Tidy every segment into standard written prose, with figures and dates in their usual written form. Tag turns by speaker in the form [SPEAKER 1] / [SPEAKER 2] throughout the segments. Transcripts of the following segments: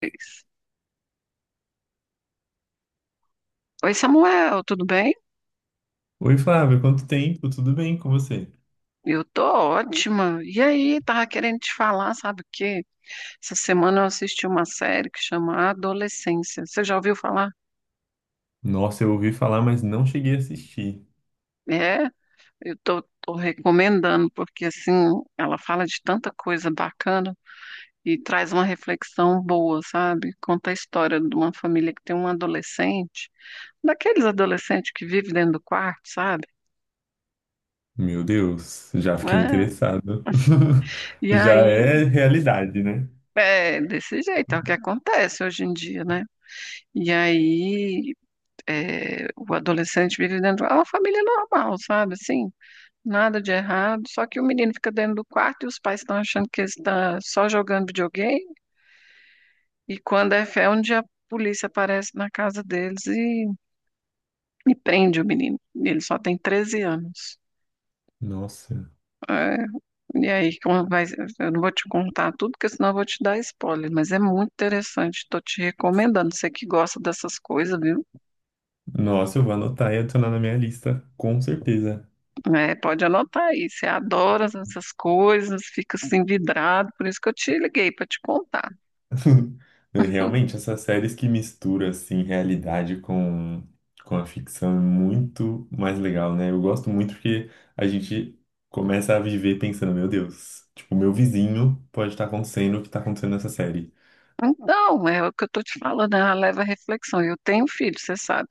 [SPEAKER 1] Fez. Oi, Samuel, tudo bem?
[SPEAKER 2] Oi, Flávio, quanto tempo? Tudo bem com você?
[SPEAKER 1] Eu tô ótima. E aí, tava querendo te falar, sabe o quê? Essa semana eu assisti uma série que chama Adolescência. Você já ouviu falar?
[SPEAKER 2] Nossa, eu ouvi falar, mas não cheguei a assistir.
[SPEAKER 1] É, eu tô recomendando, porque assim, ela fala de tanta coisa bacana e traz uma reflexão boa, sabe? Conta a história de uma família que tem um adolescente, daqueles adolescentes que vivem dentro do quarto, sabe?
[SPEAKER 2] Meu Deus, já fiquei
[SPEAKER 1] É.
[SPEAKER 2] interessado.
[SPEAKER 1] E
[SPEAKER 2] Já
[SPEAKER 1] aí,
[SPEAKER 2] é realidade, né?
[SPEAKER 1] é desse jeito, é o que acontece hoje em dia, né? E aí, é, o adolescente vive dentro de uma família normal, sabe? Assim, nada de errado. Só que o menino fica dentro do quarto e os pais estão achando que ele está só jogando videogame. E quando é fé, um dia a polícia aparece na casa deles e prende o menino. E ele só tem 13 anos.
[SPEAKER 2] Nossa,
[SPEAKER 1] É, e aí, como vai, eu não vou te contar tudo, porque senão eu vou te dar spoiler. Mas é muito interessante. Estou te recomendando. Você que gosta dessas coisas, viu?
[SPEAKER 2] nossa, eu vou anotar e adicionar na minha lista, com certeza.
[SPEAKER 1] É, pode anotar aí. Você adora essas coisas, fica assim vidrado, por isso que eu te liguei para te contar.
[SPEAKER 2] Realmente, essas séries que misturam assim realidade com a ficção é muito mais legal, né? Eu gosto muito porque a gente começa a viver pensando, meu Deus, tipo, meu vizinho pode estar acontecendo o que está acontecendo nessa série.
[SPEAKER 1] Então, é o que eu tô te falando, ela leva à reflexão. Eu tenho filho, você sabe.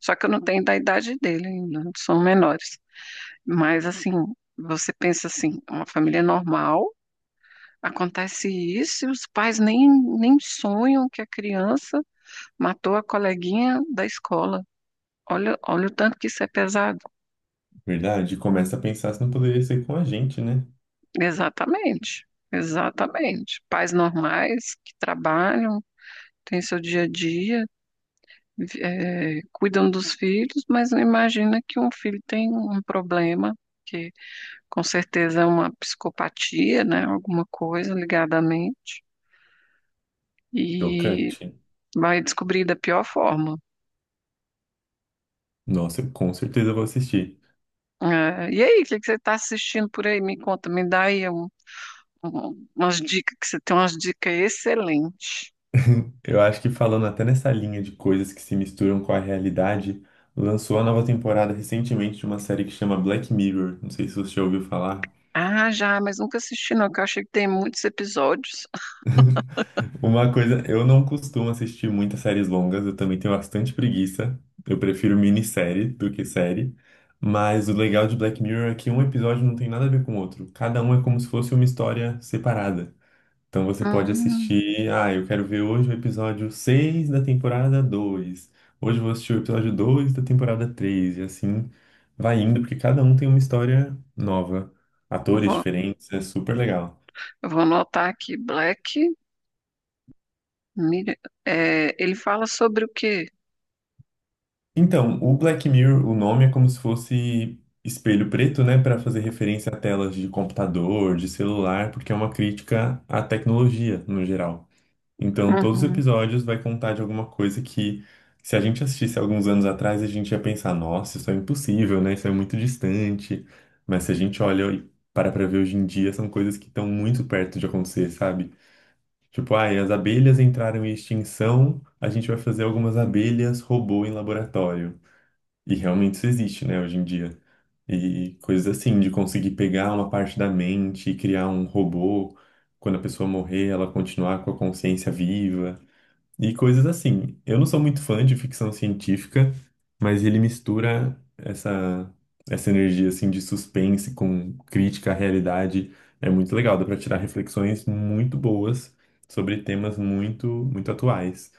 [SPEAKER 1] Só que eu não tenho da idade dele ainda, são menores. Mas assim, você pensa assim, uma família normal, acontece isso e os pais nem sonham que a criança matou a coleguinha da escola. Olha, olha o tanto que isso é pesado.
[SPEAKER 2] Verdade, começa a pensar se não poderia ser com a gente, né?
[SPEAKER 1] Exatamente, exatamente. Pais normais que trabalham, têm seu dia a dia, cuidam dos filhos, mas não imagina que um filho tem um problema, que com certeza é uma psicopatia, né? Alguma coisa ligada à mente, e
[SPEAKER 2] Chocante.
[SPEAKER 1] vai descobrir da pior forma.
[SPEAKER 2] Nossa, eu com certeza vou assistir.
[SPEAKER 1] E aí, o que que você está assistindo por aí? Me conta, me dá aí umas dicas, que você tem umas dicas excelentes.
[SPEAKER 2] Eu acho que falando até nessa linha de coisas que se misturam com a realidade, lançou a nova temporada recentemente de uma série que chama Black Mirror. Não sei se você já ouviu falar.
[SPEAKER 1] Ah, já, mas nunca assisti não, que eu achei que tem muitos episódios.
[SPEAKER 2] Uma coisa, eu não costumo assistir muitas séries longas, eu também tenho bastante preguiça. Eu prefiro minissérie do que série. Mas o legal de Black Mirror é que um episódio não tem nada a ver com o outro. Cada um é como se fosse uma história separada. Então você pode
[SPEAKER 1] Hum,
[SPEAKER 2] assistir, ah, eu quero ver hoje o episódio 6 da temporada 2. Hoje eu vou assistir o episódio 2 da temporada 3 e assim vai indo, porque cada um tem uma história nova, atores
[SPEAKER 1] vou,
[SPEAKER 2] diferentes, é super legal.
[SPEAKER 1] eu vou anotar aqui, Black Mirror. É, ele fala sobre o quê?
[SPEAKER 2] Então, o Black Mirror, o nome é como se fosse espelho preto, né, para fazer referência a telas de computador, de celular, porque é uma crítica à tecnologia no geral. Então, todos os
[SPEAKER 1] Uhum.
[SPEAKER 2] episódios vai contar de alguma coisa que, se a gente assistisse alguns anos atrás, a gente ia pensar, nossa, isso é impossível, né? Isso é muito distante. Mas se a gente olha e para pra ver hoje em dia, são coisas que estão muito perto de acontecer, sabe? Tipo, ai, as abelhas entraram em extinção, a gente vai fazer algumas abelhas robô em laboratório. E realmente isso existe, né, hoje em dia. E coisas assim, de conseguir pegar uma parte da mente e criar um robô, quando a pessoa morrer, ela continuar com a consciência viva e coisas assim. Eu não sou muito fã de ficção científica, mas ele mistura essa energia assim de suspense com crítica à realidade. É muito legal, dá para tirar reflexões muito boas sobre temas muito, muito atuais.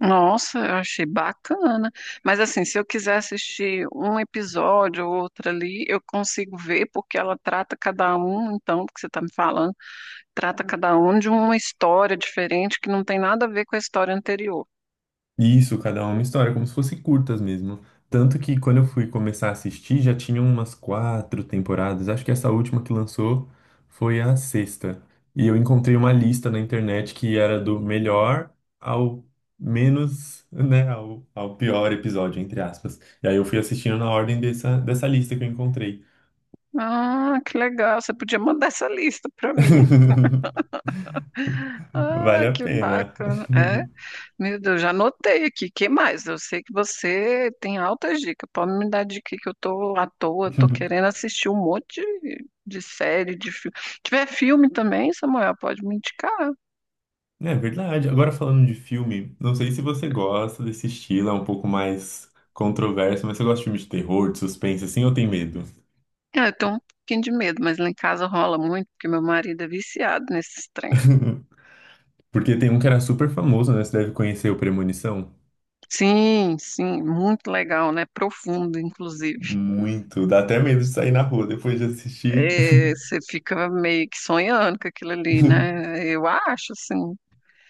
[SPEAKER 1] Nossa, eu achei bacana. Mas assim, se eu quiser assistir um episódio ou outro ali, eu consigo ver, porque ela trata cada um, então, porque você está me falando, trata cada um de uma história diferente que não tem nada a ver com a história anterior.
[SPEAKER 2] Isso, cada uma história, como se fossem curtas mesmo. Tanto que quando eu fui começar a assistir, já tinham umas quatro temporadas. Acho que essa última que lançou foi a sexta. E eu encontrei uma lista na internet que era do melhor ao menos, né, ao pior episódio, entre aspas. E aí eu fui assistindo na ordem dessa lista que eu encontrei.
[SPEAKER 1] Ah, que legal. Você podia mandar essa lista para mim. Ah,
[SPEAKER 2] Vale a
[SPEAKER 1] que
[SPEAKER 2] pena.
[SPEAKER 1] bacana. É, meu Deus, já anotei aqui. Que mais? Eu sei que você tem altas dicas. Pode me dar dica que eu tô à toa, tô querendo assistir um monte de série, de filme. Se tiver filme também, Samuel, pode me indicar.
[SPEAKER 2] É verdade. Agora falando de filme, não sei se você gosta desse estilo, é um pouco mais controverso, mas você gosta de filme de terror, de suspense, assim, ou tem medo?
[SPEAKER 1] Ah, eu tenho um pouquinho de medo, mas lá em casa rola muito, porque meu marido é viciado nesses trem.
[SPEAKER 2] Porque tem um que era super famoso, né? Você deve conhecer o Premonição.
[SPEAKER 1] Sim, sim, muito legal, né? Profundo, inclusive.
[SPEAKER 2] Muito. Dá até medo de sair na rua depois de assistir.
[SPEAKER 1] É, você fica meio que sonhando com aquilo ali, né? Eu acho, assim.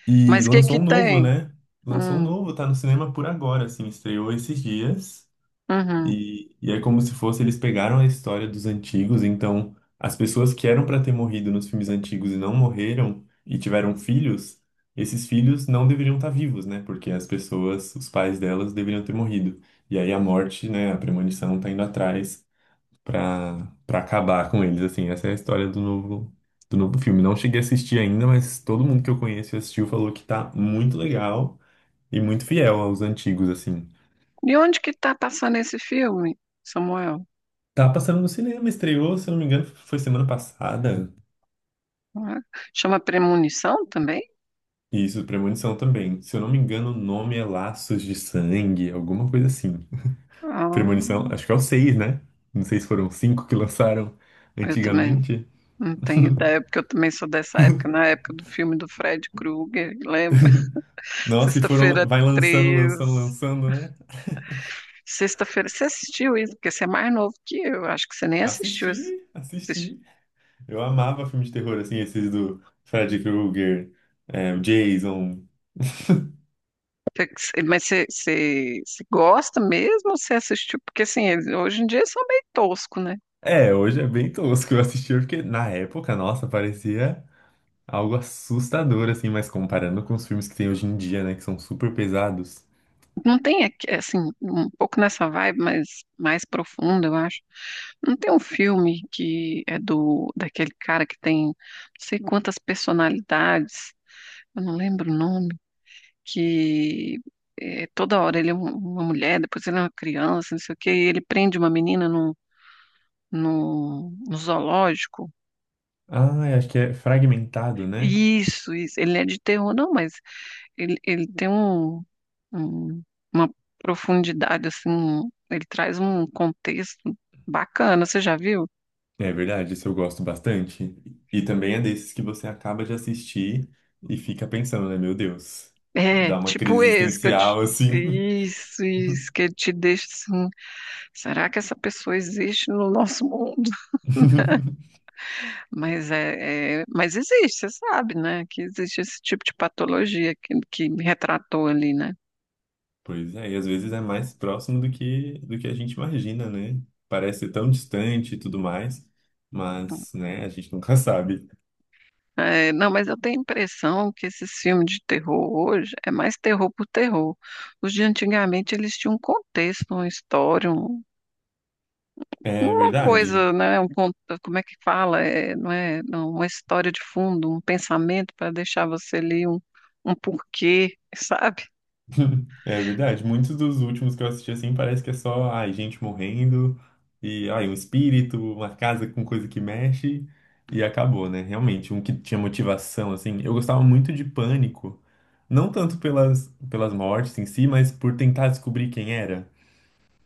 [SPEAKER 2] E
[SPEAKER 1] Mas o que
[SPEAKER 2] lançou
[SPEAKER 1] que
[SPEAKER 2] um novo,
[SPEAKER 1] tem?
[SPEAKER 2] né? Lançou um
[SPEAKER 1] Hum,
[SPEAKER 2] novo, tá no cinema por agora, assim, estreou esses dias.
[SPEAKER 1] uhum.
[SPEAKER 2] E é como se fosse eles pegaram a história dos antigos, então as pessoas que eram para ter morrido nos filmes antigos e não morreram e tiveram filhos, esses filhos não deveriam estar vivos, né? Porque as pessoas, os pais delas deveriam ter morrido. E aí a morte, né, a premonição tá indo atrás para acabar com eles, assim. Essa é a história do novo filme. Não cheguei a assistir ainda, mas todo mundo que eu conheço e assistiu falou que tá muito legal e muito fiel aos antigos, assim.
[SPEAKER 1] E onde que tá passando esse filme, Samuel?
[SPEAKER 2] Tá passando no cinema, estreou, se eu não me engano, foi semana passada.
[SPEAKER 1] Ah, chama Premonição também?
[SPEAKER 2] Isso, Premonição também. Se eu não me engano, o nome é Laços de Sangue, alguma coisa assim.
[SPEAKER 1] Ah,
[SPEAKER 2] Premonição, acho que é o 6 né? Não sei se foram cinco que lançaram
[SPEAKER 1] eu também
[SPEAKER 2] antigamente.
[SPEAKER 1] não tenho ideia, porque eu também sou dessa época, na época do filme do Fred Krueger, lembra?
[SPEAKER 2] Nossa, e
[SPEAKER 1] Sexta-feira
[SPEAKER 2] foram, vai lançando, lançando,
[SPEAKER 1] 13.
[SPEAKER 2] lançando, né?
[SPEAKER 1] Sexta-feira, você assistiu isso? Porque você é mais novo que eu, acho que você nem assistiu
[SPEAKER 2] Assisti,
[SPEAKER 1] isso. Assisti-
[SPEAKER 2] assisti. Eu amava filme de terror, assim, esses do Freddy Krueger, é, o Jason.
[SPEAKER 1] Mas você gosta mesmo ou você assistiu? Porque assim, hoje em dia eles são meio tosco, né?
[SPEAKER 2] É, hoje é bem tosco. Eu assisti porque na época, nossa, parecia. Algo assustador, assim, mas comparando com os filmes que tem hoje em dia, né? Que são super pesados.
[SPEAKER 1] Não tem, aqui, assim, um pouco nessa vibe, mas mais profunda, eu acho. Não tem um filme que é do daquele cara que tem não sei quantas personalidades, eu não lembro o nome, que é, toda hora ele é uma mulher, depois ele é uma criança, não sei o quê, e ele prende uma menina no zoológico.
[SPEAKER 2] Ah, eu acho que é Fragmentado, né?
[SPEAKER 1] Isso, ele é de terror, não, mas ele tem um- uma profundidade, assim, ele traz um contexto bacana, você já viu?
[SPEAKER 2] É verdade, esse eu gosto bastante. E também é desses que você acaba de assistir e fica pensando, né? Meu Deus,
[SPEAKER 1] É,
[SPEAKER 2] dá uma
[SPEAKER 1] tipo
[SPEAKER 2] crise
[SPEAKER 1] esse que eu te.
[SPEAKER 2] existencial, assim.
[SPEAKER 1] Isso, que ele te deixa assim. Será que essa pessoa existe no nosso mundo? Mas mas existe, você sabe, né? Que existe esse tipo de patologia que me retratou ali, né?
[SPEAKER 2] Pois é, e às vezes é mais próximo do que a gente imagina, né? Parece tão distante e tudo mais, mas, né, a gente nunca sabe.
[SPEAKER 1] É, não, mas eu tenho a impressão que esses filmes de terror hoje é mais terror por terror. Os de antigamente eles tinham um contexto, uma história,
[SPEAKER 2] É
[SPEAKER 1] uma coisa,
[SPEAKER 2] verdade.
[SPEAKER 1] né? Como é que fala? É, não, uma história de fundo, um pensamento para deixar você ali um porquê, sabe?
[SPEAKER 2] É verdade. Muitos dos últimos que eu assisti assim parece que é só, ai, gente morrendo e, ai, um espírito, uma casa com coisa que mexe e acabou, né? Realmente, um que tinha motivação, assim. Eu gostava muito de Pânico, não tanto pelas mortes em si, mas por tentar descobrir quem era,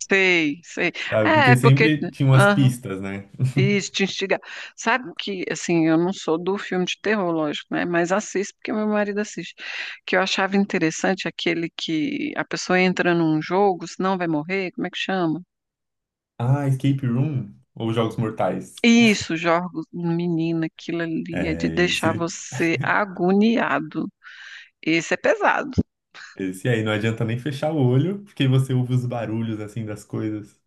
[SPEAKER 1] Sei, sei.
[SPEAKER 2] sabe? Porque
[SPEAKER 1] É, porque.
[SPEAKER 2] sempre tinham as pistas, né?
[SPEAKER 1] Isso, te instigar. Sabe que, assim, eu não sou do filme de terror, lógico, né? Mas assisto porque meu marido assiste. Que eu achava interessante é aquele que a pessoa entra num jogo, senão vai morrer, como é que chama?
[SPEAKER 2] Ah, Escape Room ou Jogos Mortais.
[SPEAKER 1] Isso, jogos, menina, aquilo ali é de
[SPEAKER 2] É,
[SPEAKER 1] deixar
[SPEAKER 2] esse,
[SPEAKER 1] você agoniado. Esse é pesado,
[SPEAKER 2] esse aí. Não adianta nem fechar o olho, porque você ouve os barulhos, assim, das coisas.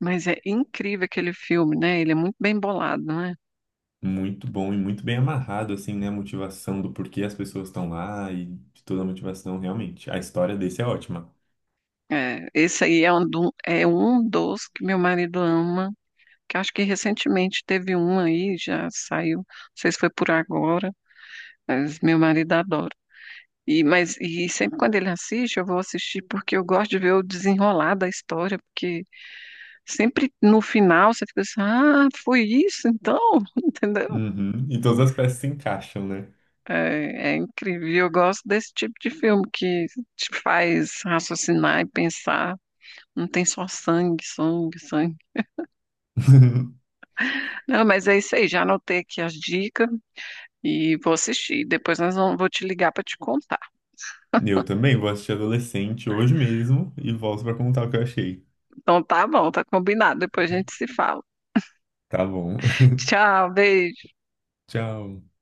[SPEAKER 1] mas é incrível aquele filme, né? Ele é muito bem bolado, né?
[SPEAKER 2] Muito bom e muito bem amarrado, assim, né? A motivação do porquê as pessoas estão lá e de toda a motivação, realmente. A história desse é ótima.
[SPEAKER 1] É, esse aí é um, é um dos que meu marido ama, que acho que recentemente teve um aí, já saiu, não sei se foi por agora, mas meu marido adora. E, mas, e sempre quando ele assiste, eu vou assistir porque eu gosto de ver o desenrolar da história, porque sempre no final você fica assim, ah, foi isso então, entendeu?
[SPEAKER 2] Uhum. E todas as peças se encaixam, né?
[SPEAKER 1] É, é incrível. E eu gosto desse tipo de filme que te faz raciocinar e pensar, não tem só sangue, sangue, sangue. Não, mas é isso aí, já anotei aqui as dicas, e vou assistir. Depois nós vamos, vou te ligar para te contar.
[SPEAKER 2] Eu também vou assistir Adolescente hoje mesmo e volto pra contar o que eu achei.
[SPEAKER 1] Então tá bom, tá combinado. Depois a gente se fala.
[SPEAKER 2] Tá bom.
[SPEAKER 1] Tchau, beijo.
[SPEAKER 2] Tchau.